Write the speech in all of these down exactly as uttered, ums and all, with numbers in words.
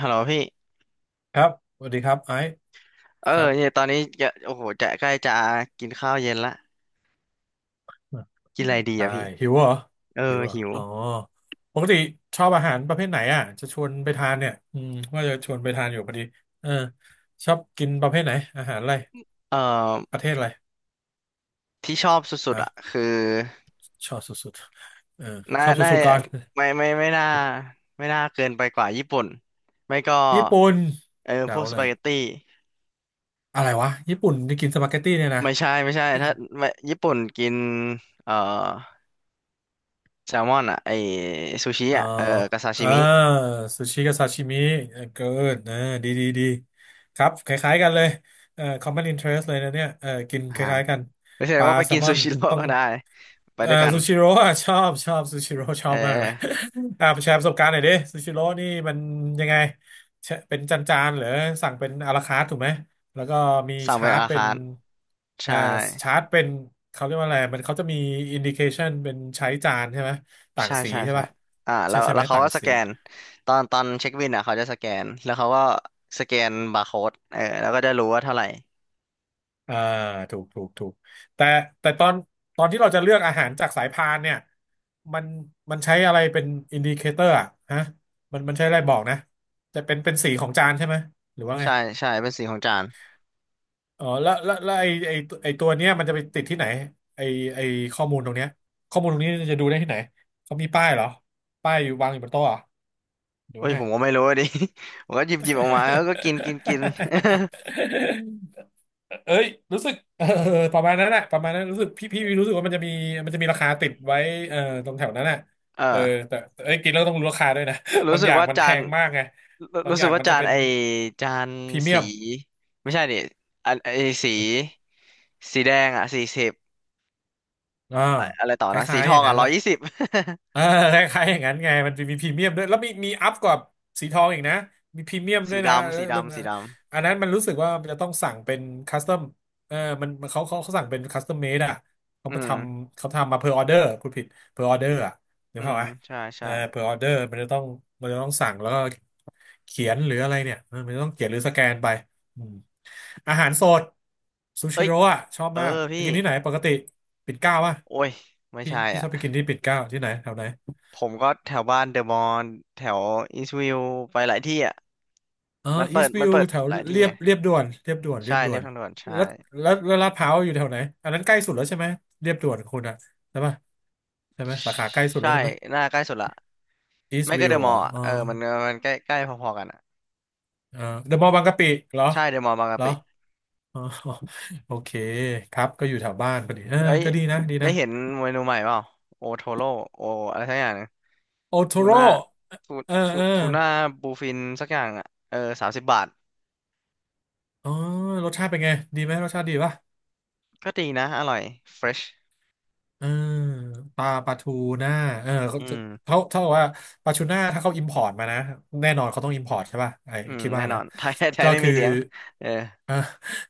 ฮัลโหลพี่ครับสวัสดีครับไอซ์เออครับเนี่ยตอนนี้จะโอ้โหจะใกล้จะกินข้าวเย็นละกินอะไรดีใช่อะพี่หิวเหรอเออหิวเหรอหิวอ๋อปกติชอบอาหารประเภทไหนอ่ะจะชวนไปทานเนี่ยอืมว่าจะชวนไปทานอยู่พอดีเออชอบกินประเภทไหนอาหารอะไรเออประเทศอะไรที่ชอบสุดๆฮะอะคือชอบสุดๆเออน่าชอบน่าสุดๆก่อนไม่ไม่ไม่น่าไม่น่าเกินไปกว่าญี่ปุ่นไม่ก็ญี่ปุ่นเออพเดาวกสเลปายเกตตี้อะไรวะญี่ปุ่นที่กินสปาเกตตี้เนี่ยนะ ไม่ใช่ไม่ใช่ถ้าไม่ญี่ปุ่นกินเออแซลมอนอะไอซูชิอ๋ออะเออกับซาชิอ่ามิซูชิกับซาชิมิเออเกินเออดีดีดีครับคล้ายๆ กันเลยเอ่อ common interest เลยนะเนี่ยเออกินอ่าคล้ายๆ กัน ไม่ใช่ปลาว่าไปแซลกินมอซูน ชิโร่ ต้ อง ก็ได้ไปเอ่อด้วยกันซูชิโร่อะชอบชอบซูชิโร่ชอเอบมากเลย อ อ่าแชร์ประสบการณ์หน่อยดิซูชิโร่นี่มันยังไงแชเป็นจานๆเหรือสั่งเป็นอาราคาร์ทถูกไหมแล้วก็มีสั่งชาเป็นร์จอาราเป็คานร์ทอ่าใช่ ชาร์จเป็นเขาเรียกว่าอะไรมันเขาจะมีอินดิเคชันเป็นใช้จานใช่ไหมต่างใช่สีใช่ใช่ใช่ป่ะอ่าแล้ใช่วใช่แล้ไหมวเขาต่างก็สสี แกนตอนตอนเช็คบินอ่ะเขาจะสแกนแล้วเขาก็สแกนบาร์โค้ดเออแล้วก็จะรู้ว่าเท่าไหร่อ่าถูกถูกถูกแต่แต่ตอนตอนที่เราจะเลือกอาหารจากสายพานเนี่ยมันมันใช้อะไรเป็นอินดิเคเตอร์อะฮะมันมันใช้อะไรบอกนะจะเป็นเป็นสีของจานใช่ไหมหรือว่าไงใช่ใช่เป็นสีของจานอ๋อแล้วแล้วแล้วไอไอไอตัวเนี้ยมันจะไปติดที่ไหนไอไอข้อมูลตรงเนี้ยข้อมูลตรงนี้จะดูได้ที่ไหนเขามีป้ายเหรอป้ายอยู่วางอยู่บนโต๊ะเหรอหรือเอ้ว่ายไง ผมก็ไม่รู้ อะดิ ผมก็หยิบหยิบออกมาแล้วก็กินกินกิน เอ้ยรู้สึกเออประมาณนั้นแหละประมาณนั้นรู้สึกพี่พี่รู้สึกว่ามันจะมีมันจะมีราคาติดไว้เออตรงแถวนั้นน่ะเอเอออแต่แต่เอ้ยกินแล้วต้องรู้ราคาด้วยนะ รู้บางสึอกย่างว่ามันจาแพนงมากไงรู้บางรู้อสึย่ากงว่ามันจะจานเป็นไอจานพรีเมียสีมไม่ใช่ดิอันไอสีสีแดงอ่ะสี่สิบอ่าอะไรต่อคนะสีล้ายทๆออย่างงนั้อ่ะนร้อยละ ยี่สิบ เออ คล้ายๆอย่างนั้นไงมันจะมีพรีเมียมด้วยแล้วมีมีอัพกว่าสีทองอีกนะมีพรีเมียม ด้สีวยนะเอดำอสีมันดำสีดอันนั้นมันรู้สึกว่ามันจะต้องสั่งเป็นคัสตอมเออมันมันเขาเขาเขาสั่งเป็นคัสตอมเมดอ่ะเขาำอืมาทมำเขาทำมาเพอร์ออเดอร์คุณผิดเพอร์ออเดอร์อ่ะเดี๋ยอืวเข้ามไหมใช่เอใช่อเพอร์ออเดอร์มันจะต้องมันจะต้องสั่งแล้วก็เขียนหรืออะไรเนี่ยเออมันจะต้องเขียนหรือสแกนไป อืมอาหารสดซูเอ้ชิย โร่อะชอบเออมากไปพี่กินที่ไหนปกติปิ่นเกล้าป่ะโอ้ยไม่พี่ใช่พี่ชอ่ะอบไปกินที่ปิ่นเกล้าที่ไหนแถวไหนผมก็แถวบ้านเดอะมอนแถวอีสต์วิวไปหลายที่อ่ะเออมันอีเปิสดต์วิมันวเปิดแถวหลายที่เรียไงบเรียบด่วนเรียบด่วนเรีใช่ยบด่เรีวยบนทางด่วนใช่แล้วแล้วแล้วลาดพร้าวอยู่แถวไหนอันนั้นใกล้สุดแล้วใช่ไหมเรียบด่วนคุณอะใช่ป่ะใช่ไหมสาขาใกล้สุดแล้ใช่วใช่ไหมหน้าใกล้สุดละอีสไม่ต์วิก็วเดอะมเหรออลล์อ่ะเออเออมันมันใกล้ใกล้พอๆกันอ่ะเออเดอะมอลล์บางกะปิเหรอใช่เดอะมอลล์บางเหกะรอปิอ๋อ โอเคครับก็อยู่แถวบ้านพอดีเออเอ้ยก็ดีนะดีได้นะเห็นเมนูใหม่เปล่าโอโทโร่โออะไรสักอย่างหนึงโอโททูโร่น่าทูเออทูเออ ทูน่าบูฟินสักอย่างอ่ะเออสามสิบบาทอ๋อรสชาติเป็นไงดีไหมรสชาติดีป่ะก็ดีนะอร่อยเฟรชเออปลาปลาทูน่าเออเขาอืจะมเขาเท่ากับว่าปลาทูน่าถ้าเขาอิมพอร์ตมานะแน่นอนเขาต้องอิมพอร์ตใช่ป่ะไอ้อืมคิดแน่ว่านอนะน ไทยไทก็ยไม่คืมีอเลี้ยงเออ อ่ะ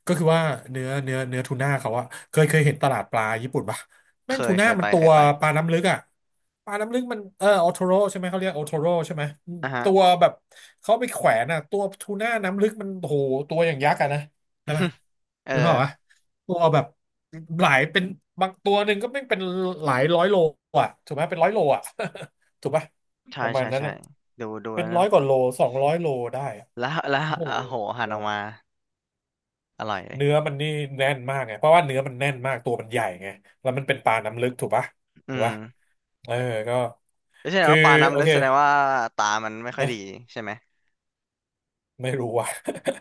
ก็คือว่าเนื้อเนื้อเนื้อทูน่าเขาอะเคยเคยเห็นตลาดปลาญี่ปุ่นป่ะเคแม่งทูยเคน่ายมัไปนตัเควยไปปลาน้ำลึกอะปลาน้ำลึกมันเออโอโทโรใช่ไหมเขาเรียกโอโทโรใช่ไหมอืมอ่ะฮะ ตัวแบบเขาไปแขวนอะตัวทูน่าน้ำลึกมันโอ้โหตัวอย่างยักษ์อะนะใช่ปะ เออนึกภาพวะตัวแบบหลายเป็นบางตัวหนึ่งก็ไม่เป็นหลายร้อยโลอ่ะถูกไหมเป็นร้อยโลอ่ะ ถูกปะปใช่ระมาณใช่นั้นใช่นะดูดูเป็แล้นวร้นะอยกว่าโลสองร้อยโลได้อะแล้วแล้วโอ้โหโอ้โหหันออกมาอร่อยเลยเนื้อมันนี่แน่นมากไงเพราะว่าเนื้อมันแน่นมากตัวมันใหญ่ไงแล้วมันเป็นปลาน้ำลึกถูกปะอืถูกมปะเออก็ก็แสดงคือว่าปลาโอน้ำลึกเค แสดงว่าตามันไม่ค่อยดีใช่ไหมไม่รู้ว่ะ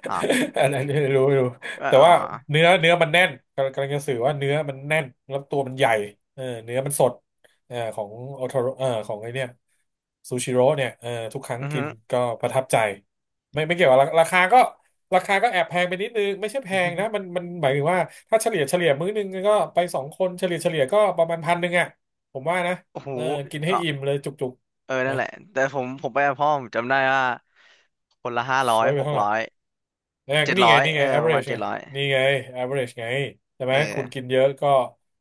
อ๋อ อันนั้นไม่รู้ไม่รู้ก็แต่อ๋อว่าเนื้อเนื้อมันแน่นกำลังกำลังจะสื่อว่าเนื้อมันแน่นแล้วตัวมันใหญ่เออเนื้อมันสดเออของโอโทโรเออของไอเนี่ยซูชิโร่เนี่ยเออทุกครั้งอือกิฮึนก็ประทับใจไม่ไม่เกี่ยวกับราราคาก็ราคาก็แอบแพงไปนิดนึงไม่ใช่แพอือฮึ งนะมันมันหมายถึงว่าถ้าเฉลี่ยเฉลี่ยมื้อนึงก็ไปสองคนเฉลี่ยเฉลี่ยก็ประมาณพันหนึ่งอ่ะผมว่านะ โอ้โหเออกินให้อ๋ออิ่มเลยจุกเออๆนั่นนะแหละแต่ผมผมไปกับพ่อผมจำได้ว่าคนละห้าซร้อยวยไปหกเท่าไหร่ ร้อยเออเจ็ดนี่ร้ไงอยนี่เอไง อประมาณ average เจ็ไงดร้อยนี่ไง average ไงใช่ไหมเอคุณอกินเยอะก็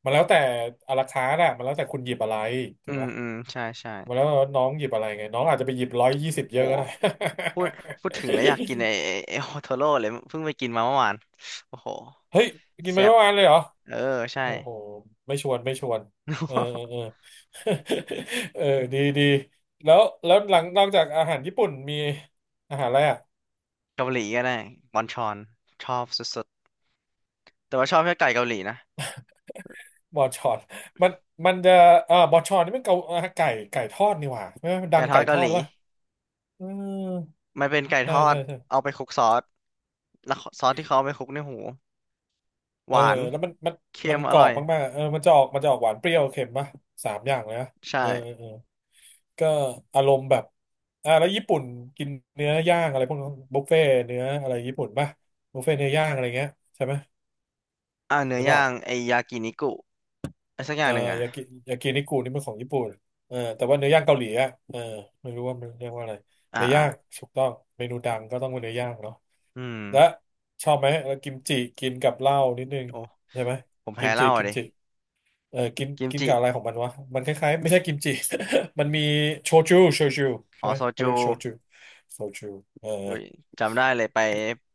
มันแล้วแต่อะราคานะมันแล้วแต่คุณหยิบอะไรถูอืกมปะอืมใช่ใช่มันแล้วแต่ว่าน้องหยิบอะไรไงน้องอาจจะไปหยิบร้อยยี่สิบเยโอ้อะก็ได้ พูดพูดถึงแล้วอยากกิน ไอ้ไอ้ไอ้โอโทโร่เลยเพิ่งไปกินมาเมื่อวานโอ้โห เฮ้ยกินมาแซ่บทั้งวันเลยเหรอเออ ใช่ โอ้โหไม่ชวนไม่ชวนเออเออ เออ เออดีดีแล้วแล้วหลังนอกจากอาหารญี่ปุ่นมีอาหารอะไรอ่ะเกาหลีก็ได้บอนชอน ชอบสุดๆ แต่ว่าชอบแค่ไก่เกาหลีนะบอชอนมันมันจะเอ่อบอชอนนี่มันเกาอ่าไก่ไก่ทอดนี่หว่าใช่ไหมมันดัไก่งทอไก่ดทเกาอหดหรืลีอเปล่า อือมันเป็นไก่ทใช่อด ใช่ใช่เอาไปคลุกซอสแล้วซอสที่เขาเอาไปคลุกในหูหเออวาน แล้วมันมันเค็มันมอกรอร่อบยมากๆเออมันจะออกมันจะออกหวานเปรี้ยวเค็มป่ะสามอย่างเลยนะใช่ เออเออเออก็อารมณ์แบบอ่าแล้วญี่ปุ่นกินเนื้อย่างอะไรพวกนั้นบุฟเฟ่เนื้ออะไรญี่ปุ่นป่ะบุฟเฟ่เนื้อย่างอะไรเงี้ยใช่ไหมอ่าเนื้หอรือเปย่าล่าง ไอยากินิกุไอสักอเอย่างหนึ่งอ่ะอยากิยากินิกุนี่มันของญี่ปุ่นเออแต่ว่าเนื้อย่างเกาหลีอ่ะเออไม่รู้ว่ามันเรียกว่าอะไรอ่าเนื้ออ่าย่างถูกต้องเมนูดังก็ต้องเป็นเนื้อย่างเนาะอืมและชอบไหมแล้วกิมจิกินกับเหล้านิดนึงโอ้ใช่ไหมผมกิแพ้มเหจิล้าอะกิมดิจิ เออกินกิมกินจิกับอะไรของมันวะมันคล้ายๆไม่ใช่กิมจิ มันมีโชจูโชจูอ๋ใช่อไหมโซเขาเรีจูยกโชจูโชจูเอออุ้ยจำได้เลยไป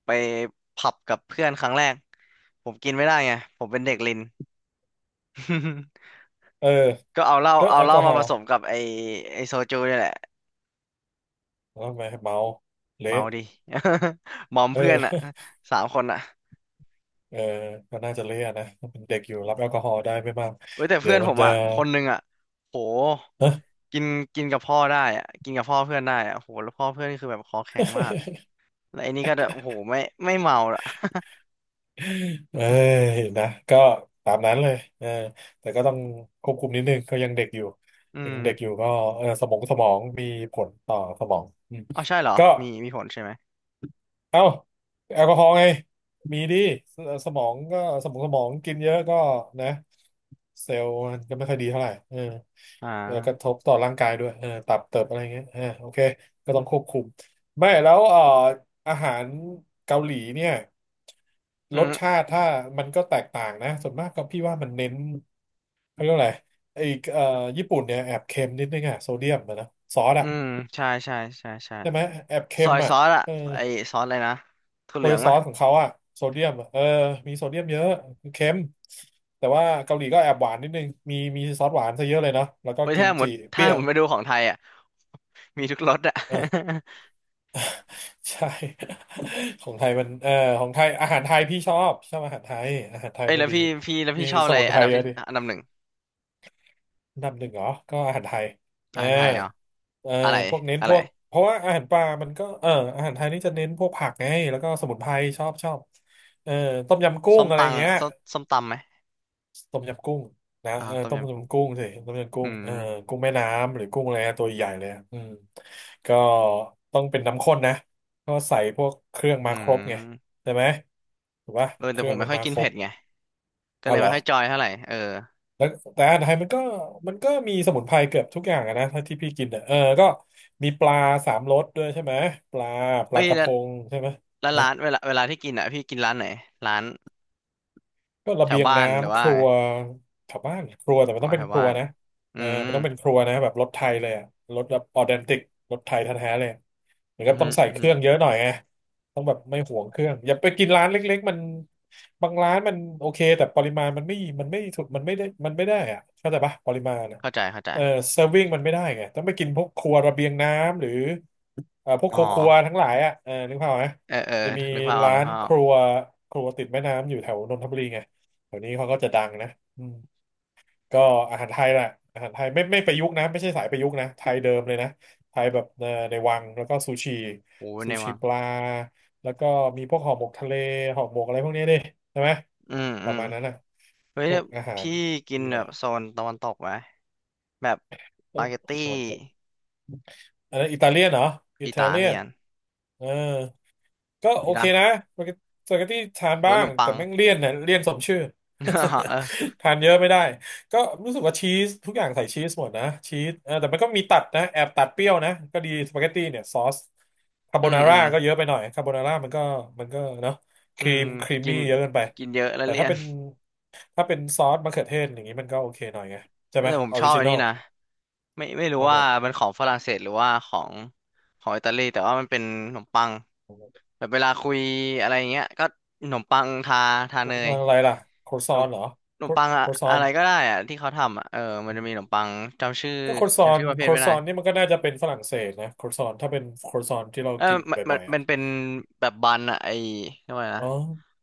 ไปผับกับเพื่อนครั้งแรก ผมกินไม่ได้ไงผมเป็นเด็กลิน เออก็เอาเหล้าก็เอาแอลเหกล้าอฮมาอผล์สมกับไอไอโซจูนี่แหละแล้วทำไมเมาเละเมาดิ มอมเออ เพื่อนอ่ะ สามคนอ่ะเออก็น่าจะเละอะนะเป็นเด็กอยู่รับแอลกอฮอล์ได้ไม่มากเว้ยแต่เดี๋เพื่ยอวนมัผนมจะ อ่ะคนหนึ่งอ่ะโห กินกินกับพ่อได้อ่ะกินกับพ่อเพื่อนได้อ่ะโหแล้วพ่อเพื่อนนี่คือแบบคอแข็งมากแล้วไอ้นี่ก็แบบโหไม่ไม่เมาละ เอ้ยนะก็ตามนั้นเลยเออแต่ก็ต้องควบคุมนิดนึงเขายังเด็กอยู่อืยังมเด็กอยู่ก็เออสมองสมองมีผลต่อสมองอืมเอาใช่เหรอก็ มีมีผลใช่ไหมเอ้าแอลกอฮอล์ไงมีดิสสมองก็สมองสมองกินเยอะก็นะเซลล์มันก็ไม่ค่อยดีเท่าไหร่เอออ่เออกระทาบต่อร่างกายด้วยเออตับเติบอะไรเงี้ยเออโอเคก็ต้องควบคุมไม่แล้วเอ่ออาหารเกาหลีเนี่ยอืรสชามติถ้ามันก็แตกต่างนะส่วนมากก็พี่ว่ามันเน้นเขาเรียกว่าอะไรไอ้เอ่อญี่ปุ่นเนี่ยแอบเค็มนิดนึงอะโซเดียมอะนะซอสอือะมใช่ใช่ใช่ใช่ใช่ไหมแอบเค็ซอมยอะซอสอ่ะเออ ไอซอสอะไรนะถั่วโรเหลืยองซอมะสของเขาอะโซเดียมอะเออมีโซเดียมเยอะเค็มแต่ว่าเกาหลีก็แอบหวานนิดนึงมีมีซอสหวานซะเยอะเลยเนาะแล้วก็เว้ยกิถ้ามหมจิดเปถ้ารี้ยหมวดไปดูของไทยอ่ะ มีทุกรสอ่ะ เออ ใช่ ของไทยมันเออของไทยอาหารไทยพี่ชอบชอบอาหารไทยอาหารไทยเอ้ยน่ะแล้วดีพี่พี่แล้วมีพี่ชอบสอะไรมุนไพอันรดับเยที่อะดิอันดับหนึ่งอันดับหนึ่งเหรอก็อาหารไทยเออาอหารไทยเหรอเอออะไรพวกเน้นอะพไรวกเพราะว่าอาหารปลามันก็เอออาหารไทยนี่จะเน้นพวกผักไงแล้วก็สมุนไพรชอบชอบเออต้มยำกุ้ส้งมอะไรตัอย่างงเงี้ย ส้มส้มตำไหมต้มยำกุ้งนะอ่าเออต้มต้มยำกุ้งยำกุ้งสิต้มยำกุ้อืงเออมกุ้งแม่น้ำหรือกุ้งอะไรนะตัวใหญ่เลยอะอืมก็ต้องเป็นน้ำข้นนะก็ใส่พวกเครื่องอืมาครบไงมใช่ไหมถูกปะเออเคแต่รื่ผอมงไม่มันค่อยมากินครเผ็บดไงก็เอาเลยเหรไม่อค่อยจอยเท่าไหร่เออแล้วแต่อาหารไทยมันก็มันก็มีสมุนไพรเกือบทุกอย่างอะนะถ้าที่พี่กินอะเออก็มีปลาสามรสด้วยใช่ไหมปลาปเอ้ลายกระแล้พวงใช่ไหม แล้วร้านเวลาเวลาที่กินอ่ะพี่กินร้านไหนร้านก็ระแถเบีวยงบ้านหรือน้ำคว่ารัไงวแถวบ้านครัวแต่มันอ๋อต้องแถเป็นวครับ้าวนนะอืเออมมันต้องเป็นครัวนะแบบรสไทยเลยอะรสแบบออเดนติกรสไทยแท้ๆเลยเหมือนอืกัมบอฮึต้องใส่อือเคฮึรื่องเยอะหน่อยไงต้องแบบไม่หวงเครื่องอย่าไปกินร้านเล็กๆมันบางร้านมันโอเคแต่ปริมาณมันไม่มันไม่ถูกมันไม่ได้มันไม่ได้อะเข้าใจปะปริมาณอะเข้าใจเข้าใจเออเซอร์วิงมันไม่ได้ไงต้องไปกินพวกครัวระเบียงน้ำหรือ เอ่อพวกอ๋คอรัวๆทั้งหลายอ่ะเออนึกภาพไหมเออเออจะมีนึกภาพออกร้านึกนภาพอคอกรัวครัวติดแม่น้ำอยู่แถวนนทบุรีไงแถวนี้เขาก็จะดังนะอืมก็อาหารไทยแหละอาหารไทยไม่ไม่ประยุกต์นะไม่ใช่สายประยุกต์นะไทยเดิมเลยนะไทยแบบเอ่อในวังแล้วก็ซูชิโอ้ยซูในชิวัปงลาแล้วก็มีพวกห่อหมกทะเลห่อหมกอะไรพวกนี้ดิใช่ไหมอืมปอืระมมาณนั้นนะเฮ้ยพวแล้กวอาหารพี่กิอนหแบน่อบโซยนตะวันตกไหมแบบสโอ้ปาเกตตี้ ตะวันตกอันนั้นอิตาเลียนเหรออิอิตาตาเลียเลีนยนเออ ก็โออีกเคละนะสปาเกตเตตี้ทานหรือบ้าว่าขนงมปัแต่ง แม่งเลี่ยนนะเลี่ยนสมชื่อ เออ ทานเยอะไม่ได้ก็รู้สึกว่าชีสทุกอย่างใส่ชีสหมดนะชีสเออแต่มันก็มีตัดนะแอบตัดเปรี้ยวนะก็ดีสปาเกตตี้เนี่ยซอสคาโบอืมนาอืร่ามก็เยอะไปหน่อยคาโบนาร่ามันก็มันก็เนาะคอืรีมมครีมกินมี่เยอะเกินไปกินเยอะแล้วแต่เลีถ้ายนเป็นถ้าเป็นซอสมะเขือเทศอย่างนี้มันก็โอเคหน่อยไงใช่ไหมแต่ผมออชอริบจิอันนอนี้ลนะไม่ไม่ชรู้อบอะว่าไรมันของฝรั่งเศสหรือว่าของของอิตาลีแต่ว่ามันเป็นขนมปังอแบบเวลาคุยอะไรอย่างเงี้ยก็ขนมปังทาทาเนยะไรล่ะโครขซนอมนเหรอขนโคมปังอะรซออะน ไรก็ได้อะที่เขาทำอะเออมันจะมีขนมปังจำชื่อก็โครซอจำนชื่อประเภโคทรไม่ซได้ อนนี่มันก็น่าจะเป็นฝรั่งเศสนะโครซอนถ้าเป็นโครซอนที่เราเออกินมันมับ่นอยๆอ่ะมันเป็นแบบบันอะไอเรียกว่าไงอ๋อนะ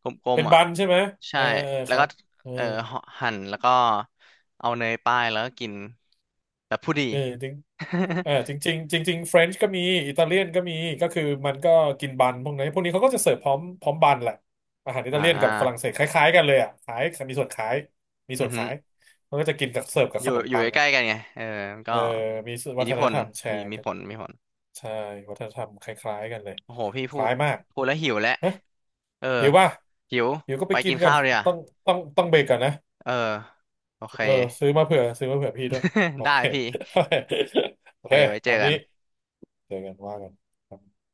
กลเป็มนๆอะบันใช่ไหมเอใช่อเออแล้ควรัก็บเออเออห่อหั่นแล้วก็เอาเนยป้ายแล้วก็กินแบบผู้ดี เออจริงเออจริ งจริงจริงๆเฟรนช์ก็มีอิตาเลียนก็มีก็คือมันก็กินบันพวกนี้นพวกนี้เขาก็จะเสิร์ฟพร้อมพร้อมบันแหละอาหารอิอ่ตาเลียนกับฝรั่งเศาสคล้ายๆกันเลยอ่ะขายมีส่วนขายมีส่อืวอนฮึขาอยมันก็จะกินกับเสิร์ฟกับอขยู่นมอยู่ปังใกอ่ะล้ๆกันไงเออมันก็เออมีอิวัทฒธิพนลธรรมแชมีร์มีกันผลมีผลใช่วัฒนธรรมคล้ายๆกันเลยโอ้โหพี่คพูล้าดยมาก พูดแล้วหิวแล้วเออหิวป่ะหิวหิวก็ไปไปกิกินนกันข้าวเลยอ่ะต้องต้องต้องเบรกก่อนนะเออโอเค เออซื้อมาเผื่อซื้อมาเผื่อพี่ด้วยโอ ได้เคพี่โอเคโอโอเคเคไว้เจตาอมกันี้นเจอกันว่ากันครับ